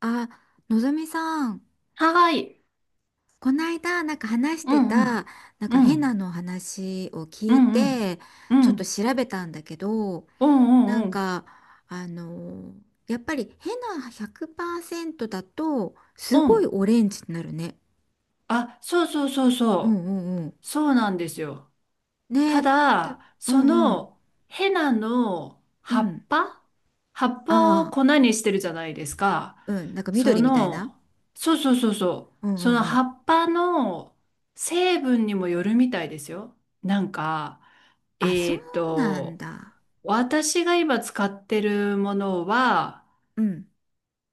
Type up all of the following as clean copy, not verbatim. あ、のぞみさん、はーい。こないだなんか話しうてんうん。た、なんうか変なん。の話を聞ういんうん。て、うちょっとん。調べたんだけど、うんなうんうんん。か、あのやっぱり変な100%だと、すうごいん。オレンジになるね。あ、そうそうそううそんうんうう。そうなんですよ。ん。たね。た、だ、うそんうん。のヘナのう葉ん。っぱ葉っぱをあ粉にしてるじゃないですか。あ、うん。なんかそ緑みたいな。の、そうそうそうそう。うんうそんのう葉ん。っぱの成分にもよるみたいですよ。なんか、あ、そえっうなんと、だ。私が今使ってるものは、うん。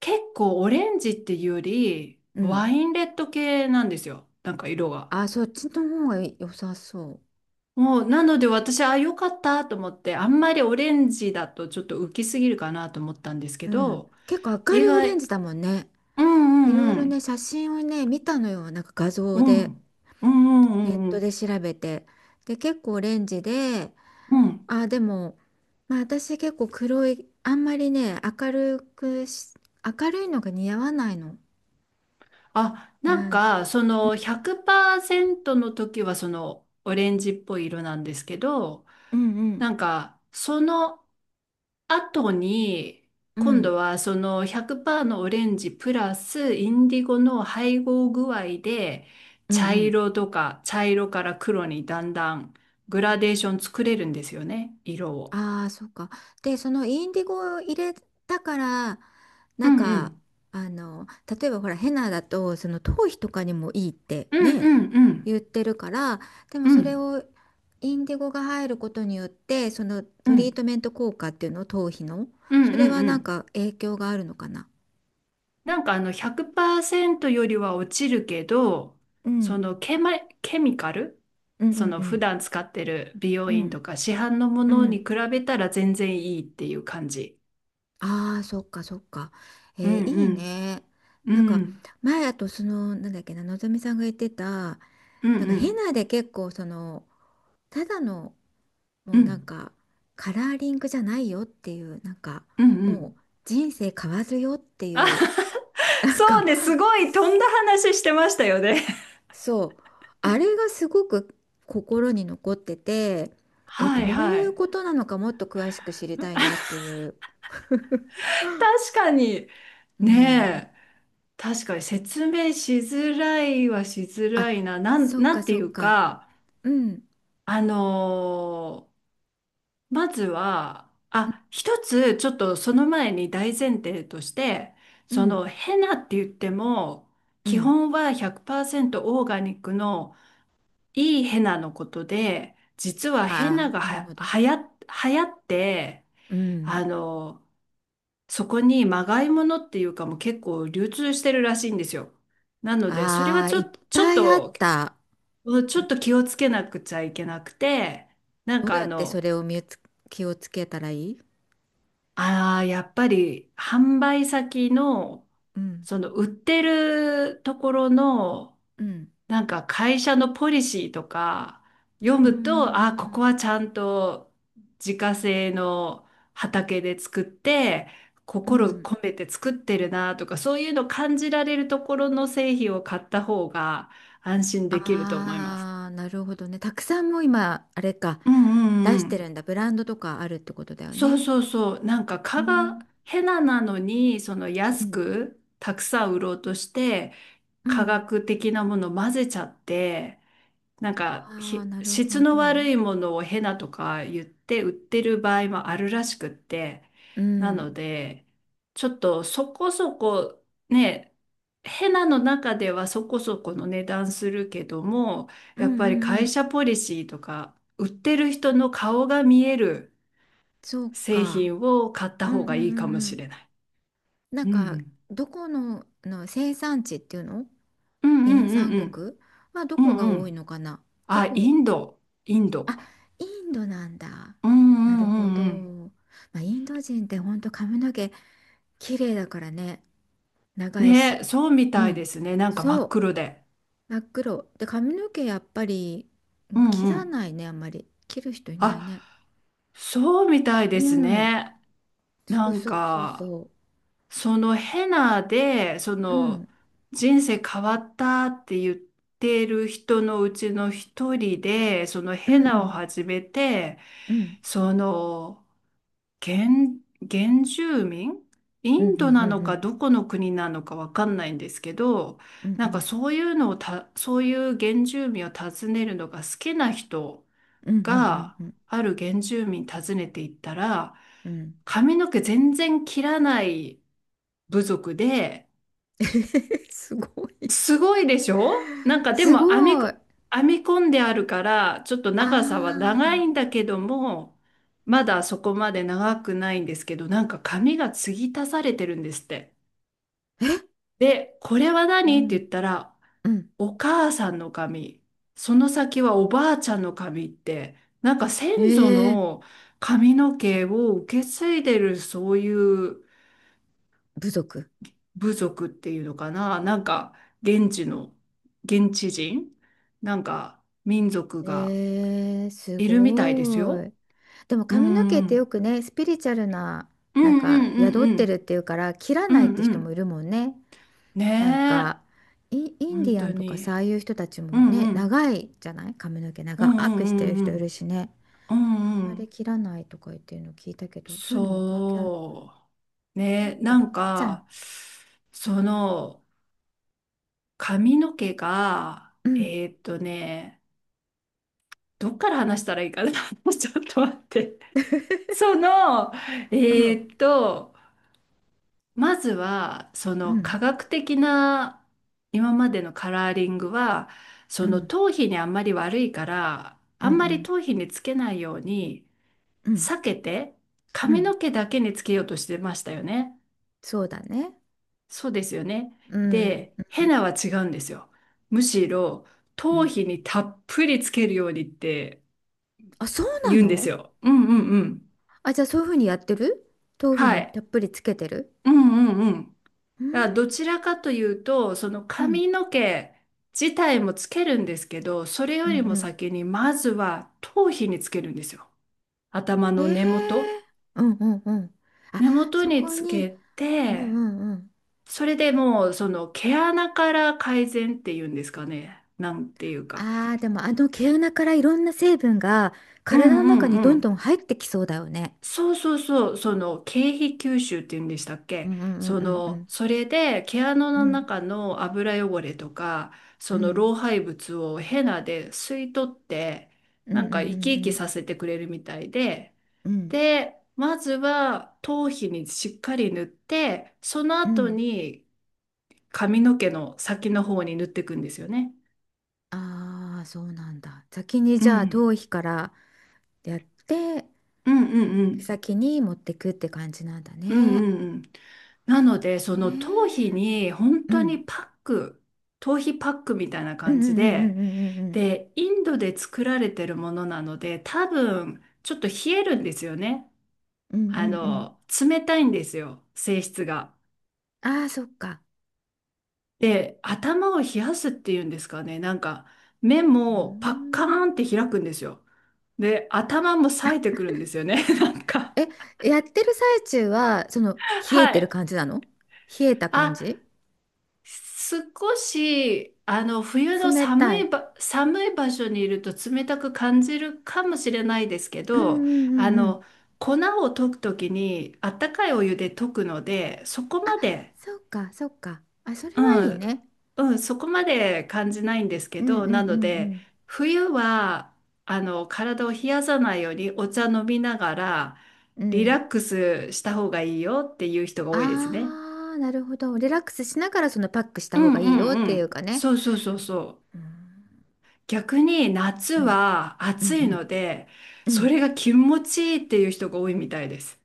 結構オレンジっていうより、うワん。インレッド系なんですよ。なんか色が。あ、そっちの方が良さそう。もう、なので私、あ、良かったと思って、あんまりオレンジだとちょっと浮きすぎるかなと思ったんですけうん。ど、結構明意るいオレン外。ジだもんね。うんういろいんうろね、ん。写真をね、見たのよ。なんか画う像で、ん。うんうネッんうんうトん。で調べて。で、結構オレンジで、うん。あ、でも、まあ私結構黒い、あんまりね、明るいのが似合わないの。あ、なんなん、か、その100%の時はそのオレンジっぽい色なんですけど、うんうん、なんか、その、後に、う今度ん、はその100%のオレンジプラスインディゴの配合具合で、うん茶うん。色とか茶色から黒にだんだんグラデーション作れるんですよね、色を。ああ、そうか。で、そのインディゴを入れたから、うなんんうか、ん。あの、例えばほら、ヘナだと、その頭皮とかにもいいってうんね、うんうん言ってるから、でもうそれんをインディゴが入ることによって、そのうトリーんトメント効果っていうの、頭皮の、うんそうれんはうなんん。か影響があるのかな。なんかあの100%よりは落ちるけど、うそん、のケマ、ケミカルうんうそんのう普ん段使ってる美容う院んとか市販のもうのにん。比べたら全然いいっていう感じ。ああーそっかそっか。うえー、んいいうん。ね。うなんかん。前、あと、そのなんだっけな、のぞみさんが言ってた、うんなんかうヘん。ナで結構その、ただの、もううなんん。かカラーリングじゃないよっていう、なんかうんうもん。う人生変わるよっていあ。 う。 なそんうか、ね。すごい飛んすだ話してましたよね。そう、あれがすごく心に残ってて、えはどいうはいうい。ことなのか、もっと詳しく知りたいなっていう。確かに。うん、ねえ。確かに説明しづらいはしづあ、らいな。なん、そっなかんてそいっうか。か、うんあのーまずは、あ、一つ、ちょっとその前に大前提として、うそんのヘナって言っても、う基ん。本は100%オーガニックのいいヘナのことで、実はヘあナあがーなるは、ほど。はや、流行って、うあん。の、そこにまがいものっていうかもう結構流通してるらしいんですよ。なので、それはああーちょいっっと、ぱいあった。ちいょっと気をつけなくちゃいけなくて、なんどうかやってそれを、気をつけたらいい。ああ、やっぱり販売先の、うんその売ってるところの、うんなんか会社のポリシーとか読うんうむと、あ、ここんはちゃんと自家製の畑で作って、うんう心ん。込めて作ってるなとか、そういうの感じられるところの製品を買った方が安心できると思います。ああー、なるほどね。たくさんもう今、あれか、うんうん出うしてん。るんだ。ブランドとかあるってことだよそうね。そうそう。なんかう蚊がん。ヘナなのに、そのう安んくたくさん売ろうとして、う科ん。学的なものを混ぜちゃって、なんかああ、ひなる質ほのど。悪いものをヘナとか言って売ってる場合もあるらしくって、うなのん。で、ちょっとそこそこね、ヘナの中ではそこそこの値段するけども、うんやっうぱりんう会ん。社ポリシーとか、売ってる人の顔が見えるそう製か。品を買ったうん方うんうがいいかもんうしれん。ない。なうんか、ん。どこの生産地っていうの、うんう原んうん産うん。国はどうこがんう多いん。のかな。どあ、イこ、ンド。インド。あ、インドなんだ。うんうなるんうほんうん。ど。まあ、インド人って本当髪の毛綺麗だからね、長いね、し。そうみうたいでん、すね。なんか真そっう、黒で。真っ黒。で、髪の毛やっぱり、ううん、ん切うらん。ないね、あんまり。切る人いないあ、ね。そうみたいうですん、ね。そなうんそうそうか、そそのヘナで、う。うん、人生変わったって言ってる人のうちの一人で、そのうヘナをん、始めて、うん、その、原、原住民、イうん、うンドん、なのうかん、どこの国なのかわかんないんですけど、うん、うなんかん、そういうのをた、そういう原住民を訪ねるのが好きな人うん、うん、うん、が、うん、うん。ある原住民訪ねていったら、うん。 髪の毛全然切らない部族で、すごい。すごいでしょ。なんかですごも編みこ、い。あ編み込んであるから、ちょっとあ。長さは長いんだけども、まだそこまで長くないんですけど、なんか髪が継ぎ足されてるんですって。え、で、これはう何ってん、言ったら、うん。お母さんの髪、その先はおばあちゃんの髪って、なんか先祖ええ、の髪の毛を受け継いでるそういう部族。部族っていうのかな、なんか現地の、現地人、なんか民族がええ、すいるみたいですごよ。い。でもう髪のん毛っうてよん。くね、スピリチュアルな、うんなんうかんうん宿っうてるっん。ていうから、切らうないってんう人もいん。るもんね。ねなんえ。か、インデ本ィア当ンとかに。さ、ああいう人たちうもんね、うん。長いじゃない、髪の毛う長んうんくしてるうんう人いるん。しね。うあんんうまりん。切らないとか言ってるの聞いたけど、そういうのも関係あるのかそう。ね。ねえ、え、ベなタんちゃん。か、あ、その髪の毛が、うん、どっから話したらいいかな。ちょっと待って。その、えうん、ーっと、まずは、そうのん、科学的な今までのカラーリングは、うそのん、頭皮にあんまり悪いから、うあん、うんまりん、頭皮につけないようにうん、避けて、う髪ん、の毛だけにつけようとしてましたよね。そうだね。そうですよね。うん、で、うヘん、ナは違うんですよ。むしろ、う頭ん。皮にたっぷりつけるようにってあ、そうな言うんですの？よ。うんうんうん。あ、じゃあそういうふうにやってる、豆腐はにい。たっぷりつけてる。うんうんうん。うーん、あ、どちらかというと、そのうん、髪の毛自体もつけるんですけど、それうよん、うりもん。先にまずは頭皮につけるんですよ。頭の根ええ元。ー、うんうんうん。あ、根元そにこつに、けうんうて、んうん。それでもうその毛穴から改善っていうんですかね。なんていうか。ああ、でもあの毛穴からいろんな成分がうん体のう中んにうどんん。どん入ってきそうだよね。そうそうそう、その経費吸収っていうんでしたっうけ？んうんうんうんうん。それで毛穴うのん中の油汚れとか、うそのん老廃物をヘナで吸い取って、うんなうんんか生き生うきんさせてくれるみたいで、うんで、まずは頭皮にしっかり塗って、そのう後ん。に髪の毛の先の方に塗っていくんですよね。ああー、そうなんだ。先にうじゃあん。頭皮からやって、うんうんうん。先に持ってくって感じなんだうんね。うんうん。なので、その頭皮ええ、に本う当ん。にパック、頭皮パックみたいなうんう感じんうんで、うんうんで、インドで作られてるものなので、多分、ちょっと冷えるんですよね。うんうんうんうん。冷たいんですよ、性質が。ああー、そっか。で、頭を冷やすっていうんですかね。なんか、目うーもパッカーん。ンって開くんですよ。で、頭も冴えてくるんですよね。なんか、え、やってる最中は、その、冷えはてるい。感じなの？冷えた感あ、じ？少し、冬の冷寒たいい。ば、寒い場所にいると冷たく感じるかもしれないですけうんうど、あんうんうん。の、粉を溶くときに、あったかいお湯で溶くので、そこあ、まで、そっか、そっか。あ、それうはいいん、ね。うん、そこまで感じないんですけうんど、うんなうので、ん冬は、体を冷やさないようにお茶飲みながら、うん。リうラッん。クスした方がいいよっていう人が多いですね。ああ、なるほど。リラックスしながら、そのパックしたう方んがいいよっうんてういうん。かね。そうそうそうそう。うん逆に夏うんはう暑んいので、うん。うそん。れが気持ちいいっていう人が多いみたいです。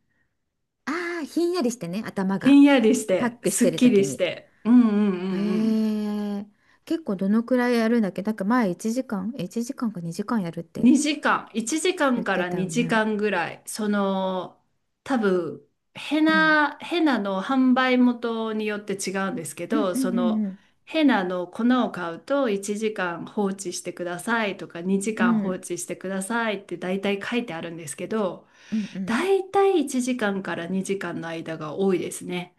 ああ、ひんやりしてね、頭ひが。んやりしパッて、クしすてっるき時りしに。て。うんうんうんうへん。え、結構どのくらいやるんだっけ？なんか前1時間、1時間か2時間やるって2時間、1時間か言んっかてらたよ2ね。時間ぐらい、多分、ヘうん。ナ、ヘナの販売元によって違うんですけうんど、うんうんうん。ヘナの粉を買うと1時間放置してくださいとか2う時間放ん置してくださいって大体書いてあるんですけど、うんうん。大体1時間かんから2時間の間が多いですね。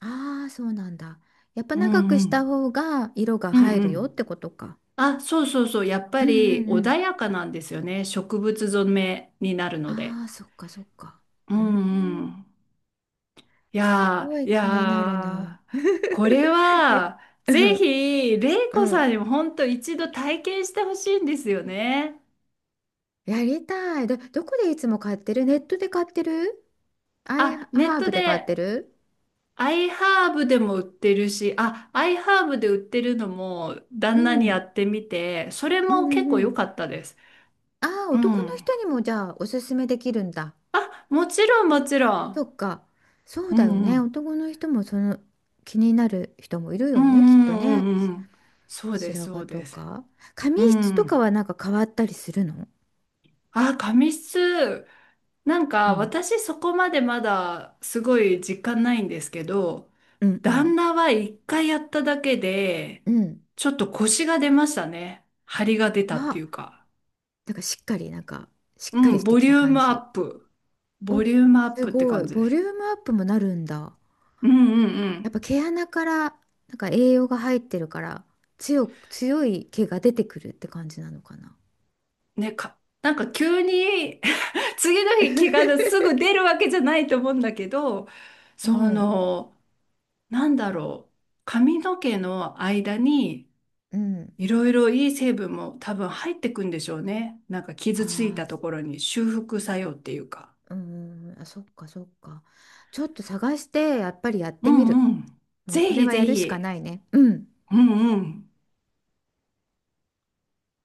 ああ、そうなんだ。やっぱう長くんうしたん。方が色がう入んうるよっん。てことか。あ、そうそうそう。やっうぱんうりんう穏ん。やかなんですよね。植物染めになるので。ああ、そっかそっか。ううんうん。ん。いすやごー、いい気になるやー、な。これ いや、は、うぜんひ、れいうこさんん。にも本当一度体験してほしいんですよね。やりたい。どこでいつも買ってる？ネットで買ってる？アイあ、ネッハートブで買っで、てる？アイハーブでも売ってるし、あ、アイハーブで売ってるのも、う旦那にやん。ってみて、それうんもうん結構う良ん。かったです。ああ、う男のん。人にもじゃあおすすめできるんだ。あ、もちろん、もちろそん。っか。そううだよんうね。ん。男の人もその気になる人もいるうよね、きっんうとんうんね。うんうん。そうです、白そ髪うとです。か。髪う質とかん。はなんか変わったりするの？あ、紙質。なんうかん。私そこまでまだすごい実感ないんですけど、うんう旦ん。那は一回やっただけで、うん。ちょっと腰が出ましたね。張りが出たっていあ、うか。なんかしっうかりん、してボきリたュー感ムアじ。ップ。お、ボリュームアッすプってごい。感じでボす。リュームアップもなるんだ。うんうんうやっん。ぱ毛穴からなんか栄養が入ってるから、強い毛が出てくるって感じなのかな。ね、なんか急に 次の日気が すぐ出るわけじゃないと思うんだけど、うそん、の、なんだろう。髪の毛の間に、うん。いろいろいい成分も多分入ってくんでしょうね。なんか傷ついあたあ、ところに修復作用っていうか。うん、あ、そっかそっか。ちょっと探して、やっぱりやっうてみんる。うん。もうぜこれひはぜやるしかなひ。いね。うん。うんうん。